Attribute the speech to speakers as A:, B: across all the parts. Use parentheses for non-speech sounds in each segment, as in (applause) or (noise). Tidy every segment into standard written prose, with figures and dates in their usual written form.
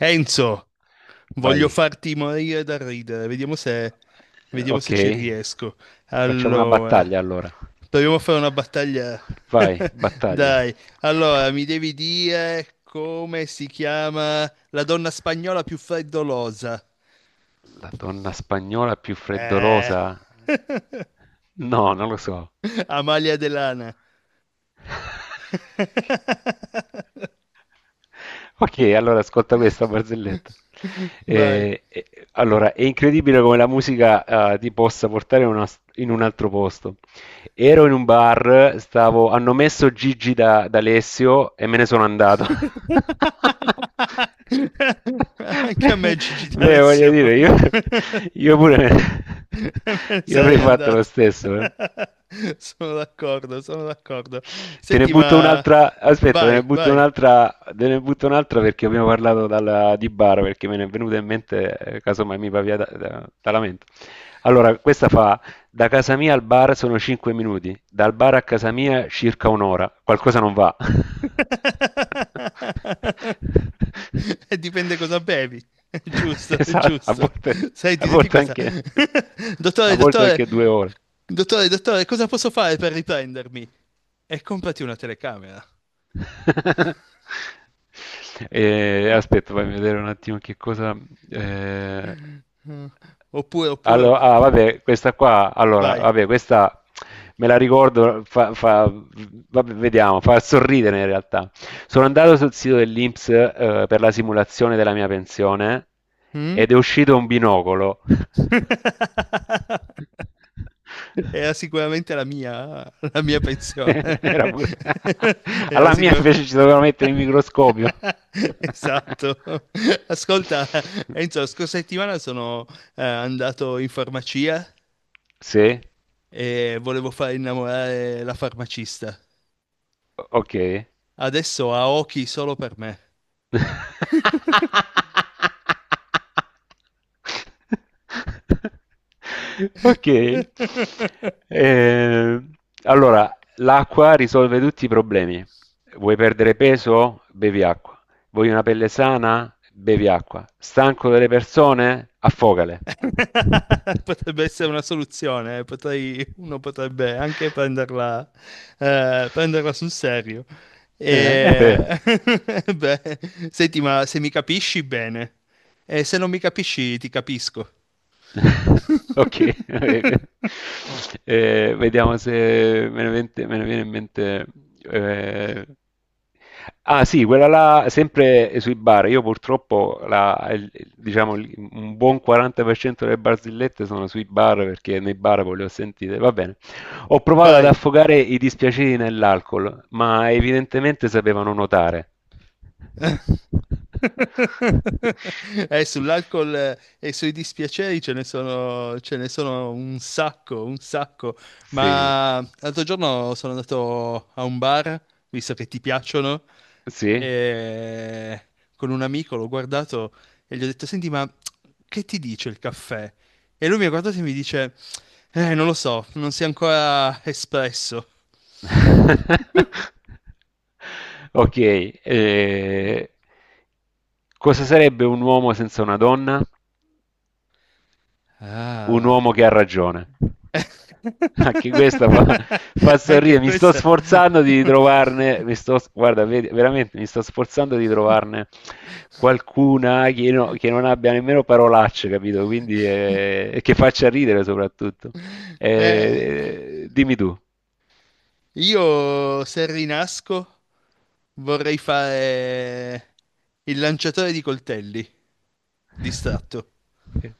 A: Enzo, voglio
B: Vai,
A: farti morire da ridere, vediamo se ci
B: ok.
A: riesco.
B: Facciamo una
A: Allora,
B: battaglia allora.
A: proviamo a fare una battaglia.
B: Vai,
A: (laughs)
B: battaglia.
A: Dai, allora mi devi dire come si chiama la donna spagnola più freddolosa.
B: La donna spagnola più
A: Eh.
B: freddolosa? No, non lo so.
A: (laughs) Amalia Delana,
B: (laughs) Ok, allora ascolta questa barzelletta.
A: vai.
B: Allora, è incredibile come la musica ti possa portare in un altro posto. Ero in un bar, hanno messo Gigi da Alessio e me ne sono andato. (laughs)
A: (laughs) Anche a me Gigi
B: Beh, voglio
A: D'Alessio.
B: dire,
A: (laughs)
B: io pure me-
A: (laughs) Me ne
B: io avrei
A: sarei
B: fatto lo
A: andato.
B: stesso.
A: (laughs) Sono d'accordo, sono d'accordo.
B: Te ne
A: Senti,
B: butto
A: ma
B: un'altra, aspetta, te ne
A: vai,
B: butto
A: vai.
B: un'altra, te ne butto un'altra perché abbiamo parlato di bar, perché me ne è venuta in mente, casomai mi va via dalla mente. Allora, questa fa: da casa mia al bar sono 5 minuti, dal bar a casa mia circa un'ora, qualcosa non va. (laughs)
A: (laughs) E dipende cosa bevi. (laughs) È giusto, è
B: Esatto,
A: giusto.
B: a
A: Senti, senti
B: volte
A: questa. (laughs)
B: anche, a
A: Dottore,
B: volte
A: dottore,
B: anche 2 ore.
A: dottore, dottore, cosa posso fare per riprendermi? E comprati una telecamera.
B: (laughs) E aspetta, fammi vedere un attimo che cosa. eh,
A: Oppure, oppure,
B: ah, vabbè, questa qua. Allora,
A: vai.
B: vabbè, questa me la ricordo. Vabbè, vediamo, fa sorridere in realtà. Sono andato sul sito dell'INPS, per la simulazione della mia pensione
A: Mm?
B: ed è uscito un binocolo. (laughs)
A: (laughs) Era sicuramente la mia, (laughs) la mia
B: (laughs)
A: pensione.
B: Era pure.
A: (laughs)
B: (laughs)
A: Era
B: Alla mia
A: sicuramente...
B: invece ci dovevano mettere il microscopio.
A: (laughs)
B: (laughs)
A: Esatto. Ascolta, Enzo, la scorsa settimana sono andato in farmacia
B: Sì,
A: e volevo far innamorare la farmacista.
B: ok.
A: Adesso ha occhi solo per me.
B: (laughs) Ok.
A: (laughs)
B: Ehm, allora, l'acqua risolve tutti i problemi. Vuoi perdere peso? Bevi acqua. Vuoi una pelle sana? Bevi acqua. Stanco delle persone? Affogale.
A: (laughs) Potrebbe
B: (laughs)
A: essere una soluzione, eh. Uno potrebbe anche prenderla, prenderla sul serio.
B: È vero.
A: E... (laughs) Beh, senti, ma se mi capisci bene, e se non mi capisci ti capisco.
B: (laughs) Ok. (laughs)
A: (laughs)
B: Vediamo se me ne viene in mente. eh, Ah sì, quella là, sempre sui bar. Io purtroppo, diciamo, un buon 40% delle barzellette sono sui bar perché nei bar poi le ho sentite. Va bene. Ho provato ad
A: Vai.
B: affogare i dispiaceri nell'alcol, ma evidentemente sapevano nuotare.
A: (laughs)
B: (laughs)
A: Sull'alcol e sui dispiaceri ce ne sono un sacco, un sacco.
B: Sì,
A: Ma l'altro giorno sono andato a un bar, visto che ti piacciono,
B: sì.
A: e con un amico l'ho guardato e gli ho detto: Senti, ma che ti dice il caffè? E lui mi ha guardato e mi dice: non lo so, non si è ancora espresso.
B: (laughs)
A: (laughs)
B: Ok, cosa sarebbe un uomo senza una donna? Un
A: Ah.
B: uomo che ha ragione. Anche questa fa, fa
A: (laughs) Anche
B: sorridere. Mi sto
A: questa.
B: sforzando di trovarne, guarda, veramente mi sto sforzando di trovarne qualcuna che, che non abbia nemmeno parolacce, capito? Quindi che faccia ridere soprattutto.
A: Eh,
B: Dimmi tu.
A: io se rinasco vorrei fare il lanciatore di coltelli distratto.
B: Sì.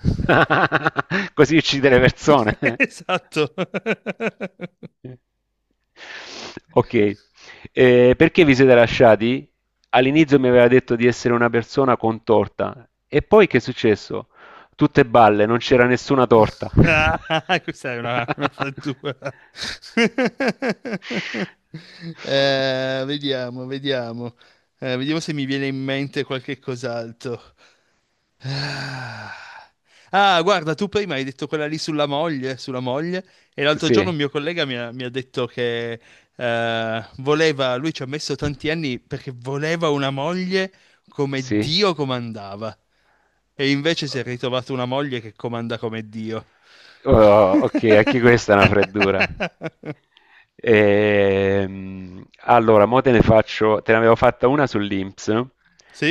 B: (laughs) Così uccide le persone.
A: (laughs) Esatto. (laughs)
B: Ok. Perché vi siete lasciati? All'inizio mi aveva detto di essere una persona con torta e poi che è successo? Tutte balle, non c'era nessuna torta. (laughs)
A: Ah, (laughs) questa è una frattura. (laughs) Vediamo, vediamo. Vediamo se mi viene in mente qualche cos'altro. Ah, Ah, guarda, tu prima hai detto quella lì sulla moglie, e l'altro giorno
B: Sì,
A: un mio collega mi ha detto che voleva, lui ci ha messo tanti anni perché voleva una moglie come
B: sì.
A: Dio comandava, e invece si è ritrovato una moglie che comanda come Dio.
B: Oh, ok, anche questa è una freddura.
A: (laughs)
B: Allora, mo te ne faccio, te ne avevo fatta una sull'INPS, no?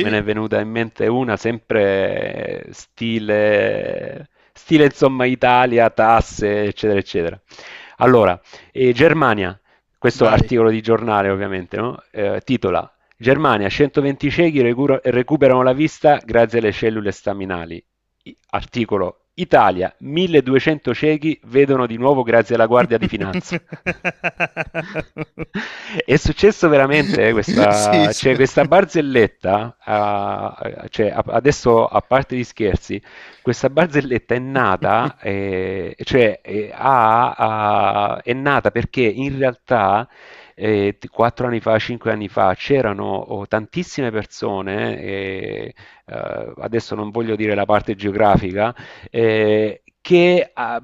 B: Me ne è venuta in mente una sempre, stile, insomma Italia, tasse, eccetera, eccetera. Allora, Germania, questo
A: Vai.
B: articolo di giornale ovviamente, no? Titola: Germania, 120 ciechi recuperano la vista grazie alle cellule staminali. Articolo: Italia, 1200 ciechi vedono di nuovo grazie alla Guardia di Finanza. (laughs)
A: (laughs)
B: È successo veramente,
A: Sì,
B: questa,
A: sì.
B: cioè, questa barzelletta, ah, cioè, adesso, a parte gli scherzi, questa barzelletta è nata, cioè, è nata perché in realtà, 4 anni fa, 5 anni fa, c'erano, oh, tantissime persone, adesso non voglio dire la parte geografica, che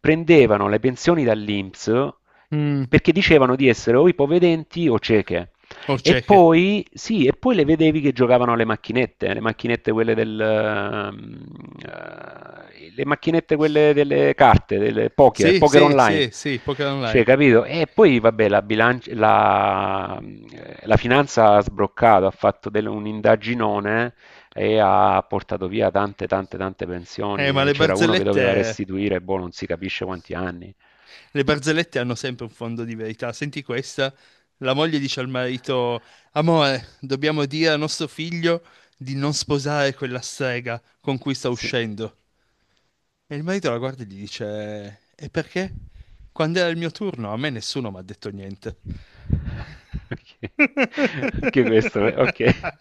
B: prendevano le pensioni dall'INPS
A: Mm,
B: perché dicevano di essere o ipovedenti o cieche.
A: o
B: E
A: cieche.
B: poi, sì, e poi le vedevi che giocavano alle macchinette, le macchinette quelle le macchinette quelle delle carte, del poker,
A: Sì,
B: poker
A: sì,
B: online.
A: sì, sì, Poker
B: Cioè,
A: Online.
B: capito? E poi, vabbè, la finanza ha sbroccato, ha fatto un indaginone e ha portato via tante, tante, tante
A: Ma
B: pensioni. E c'era uno che doveva restituire, boh, non si capisce quanti anni.
A: le barzellette hanno sempre un fondo di verità. Senti questa, la moglie dice al marito, amore, dobbiamo dire a nostro figlio di non sposare quella strega con cui sta
B: Sì.
A: uscendo. E il marito la guarda e gli dice, e perché? Quando era il mio turno, a me nessuno mi ha detto niente.
B: (laughs) Ok.
A: (laughs)
B: Anche questo, ok.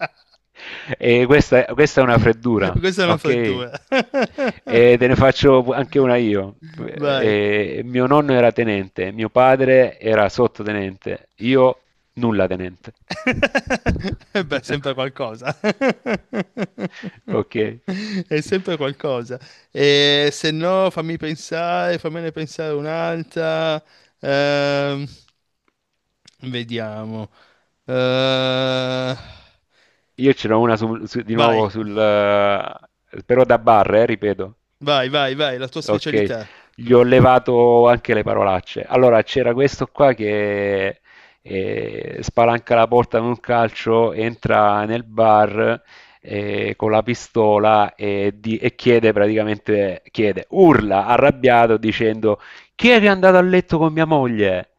B: E questa, questa è una freddura,
A: Questa è una
B: ok?
A: frattura. (laughs)
B: E te ne faccio anche una io.
A: Vai.
B: Mio nonno era tenente, mio padre era sottotenente, io nulla tenente.
A: (laughs) E
B: (laughs)
A: beh, sempre qualcosa. (laughs)
B: Ok.
A: È sempre qualcosa. E se no, fammi pensare, fammene pensare un'altra. Ehm, vediamo. Eh,
B: Io ce n'ho una di nuovo
A: vai,
B: però da bar, ripeto.
A: vai, vai, vai, la tua
B: Ok,
A: specialità.
B: gli ho levato anche le parolacce. Allora, c'era questo qua che spalanca la porta con un calcio, entra nel bar con la pistola, e chiede praticamente, chiede, urla arrabbiato dicendo: chi è che è andato a letto con mia moglie?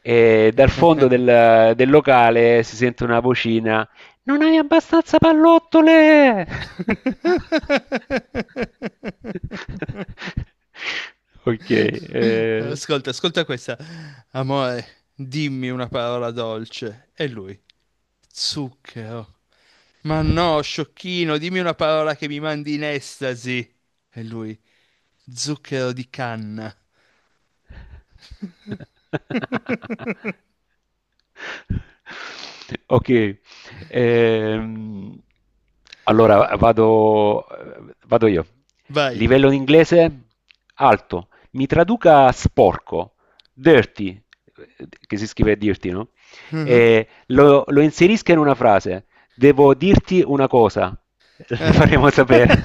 B: E dal fondo del locale si sente una vocina: non hai abbastanza pallottole! (laughs)
A: (laughs)
B: Ok,
A: (laughs)
B: eh,
A: Ascolta, ascolta questa. Amore, dimmi una parola dolce. E lui, zucchero. Ma no, sciocchino, dimmi una parola che mi mandi in estasi. E lui, zucchero di canna.
B: (laughs)
A: (laughs)
B: Ok, ehm, allora vado io.
A: Vai.
B: Livello in inglese alto. Mi traduca sporco, dirty, che si scrive dirty, no?
A: Mhm.
B: E lo inserisca in una frase. Devo dirti una cosa, (laughs) le faremo sapere.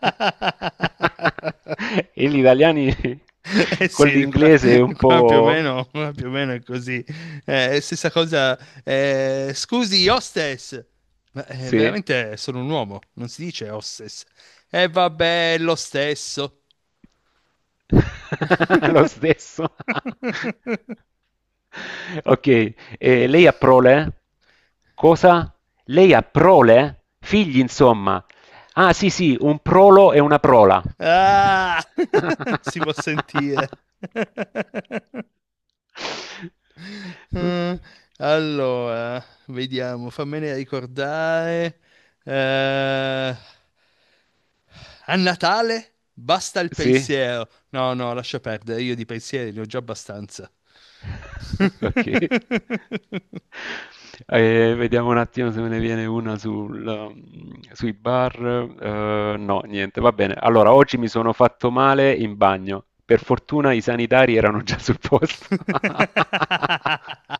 B: (laughs) E gli italiani
A: (laughs) Eh
B: con
A: sì, qua,
B: l'inglese è un
A: qua più o
B: po'.
A: meno, qua più o meno è così. Stessa cosa, scusi, hostess, ma
B: Sì.
A: veramente sono un uomo, non si dice hostess. E vabbè, è lo stesso.
B: (laughs) Lo stesso. (laughs)
A: (laughs)
B: Ok, lei ha prole? Cosa? Lei ha prole? Figli, insomma. Ah, sì, sì, un prolo e una prola.
A: Ah, (laughs) si può
B: (laughs)
A: sentire. (laughs) Mm, allora, vediamo, fammene ricordare. Eh, A Natale basta il
B: Sì?
A: pensiero. No, no, lascia perdere, io di pensieri ne ho già abbastanza.
B: (laughs) Ok.
A: (laughs)
B: Vediamo un attimo se me ne viene una sui bar. No, niente, va bene. Allora, oggi mi sono fatto male in bagno. Per fortuna i sanitari erano già sul posto. (laughs)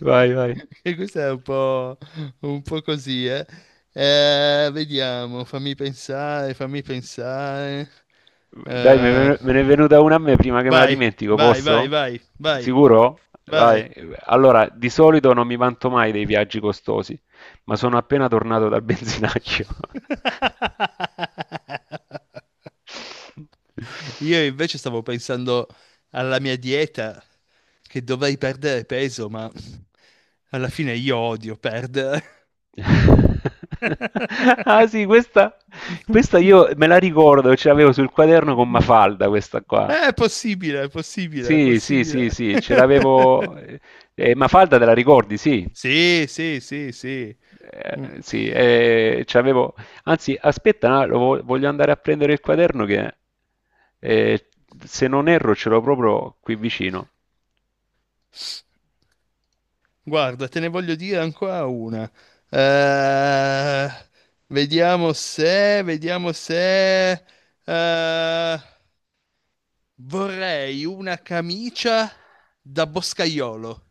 B: Vai, vai.
A: E questo è un po' così, eh. Vediamo, fammi pensare, fammi pensare.
B: Dai,
A: Eh,
B: me ne è venuta una a me prima che me la
A: vai,
B: dimentico,
A: vai, vai,
B: posso?
A: vai, vai,
B: Sicuro?
A: vai.
B: Vai. Allora, di solito non mi vanto mai dei viaggi costosi, ma sono appena tornato dal benzinaccio.
A: (laughs) Io invece stavo pensando alla mia dieta, che dovrei perdere peso, ma alla fine io odio perdere.
B: (laughs)
A: (laughs)
B: Ah sì, questa io me la ricordo, ce l'avevo sul quaderno con Mafalda, questa qua.
A: È possibile, è possibile, è
B: Sì, sì, sì,
A: possibile.
B: sì, ce l'avevo... eh,
A: (laughs)
B: eh, Mafalda te la ricordi, sì.
A: Sì, sì, sì, sì. Mm.
B: Sì, c'avevo. Anzi, aspetta, no, lo voglio andare a prendere il quaderno che, eh, se non erro, ce l'ho proprio qui vicino.
A: Guarda, te ne voglio dire ancora una. Eh, vediamo se... eh, vorrei una camicia da boscaiolo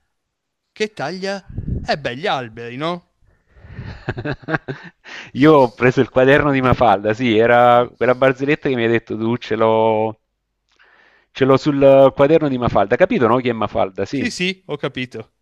A: che taglia... Eh beh, gli alberi, no?
B: (laughs) Io ho preso il quaderno di Mafalda, sì, era quella barzelletta che mi hai detto tu, ce l'ho sul quaderno di Mafalda. Capito, no? Chi è Mafalda?
A: Sì,
B: Sì.
A: sì, ho capito.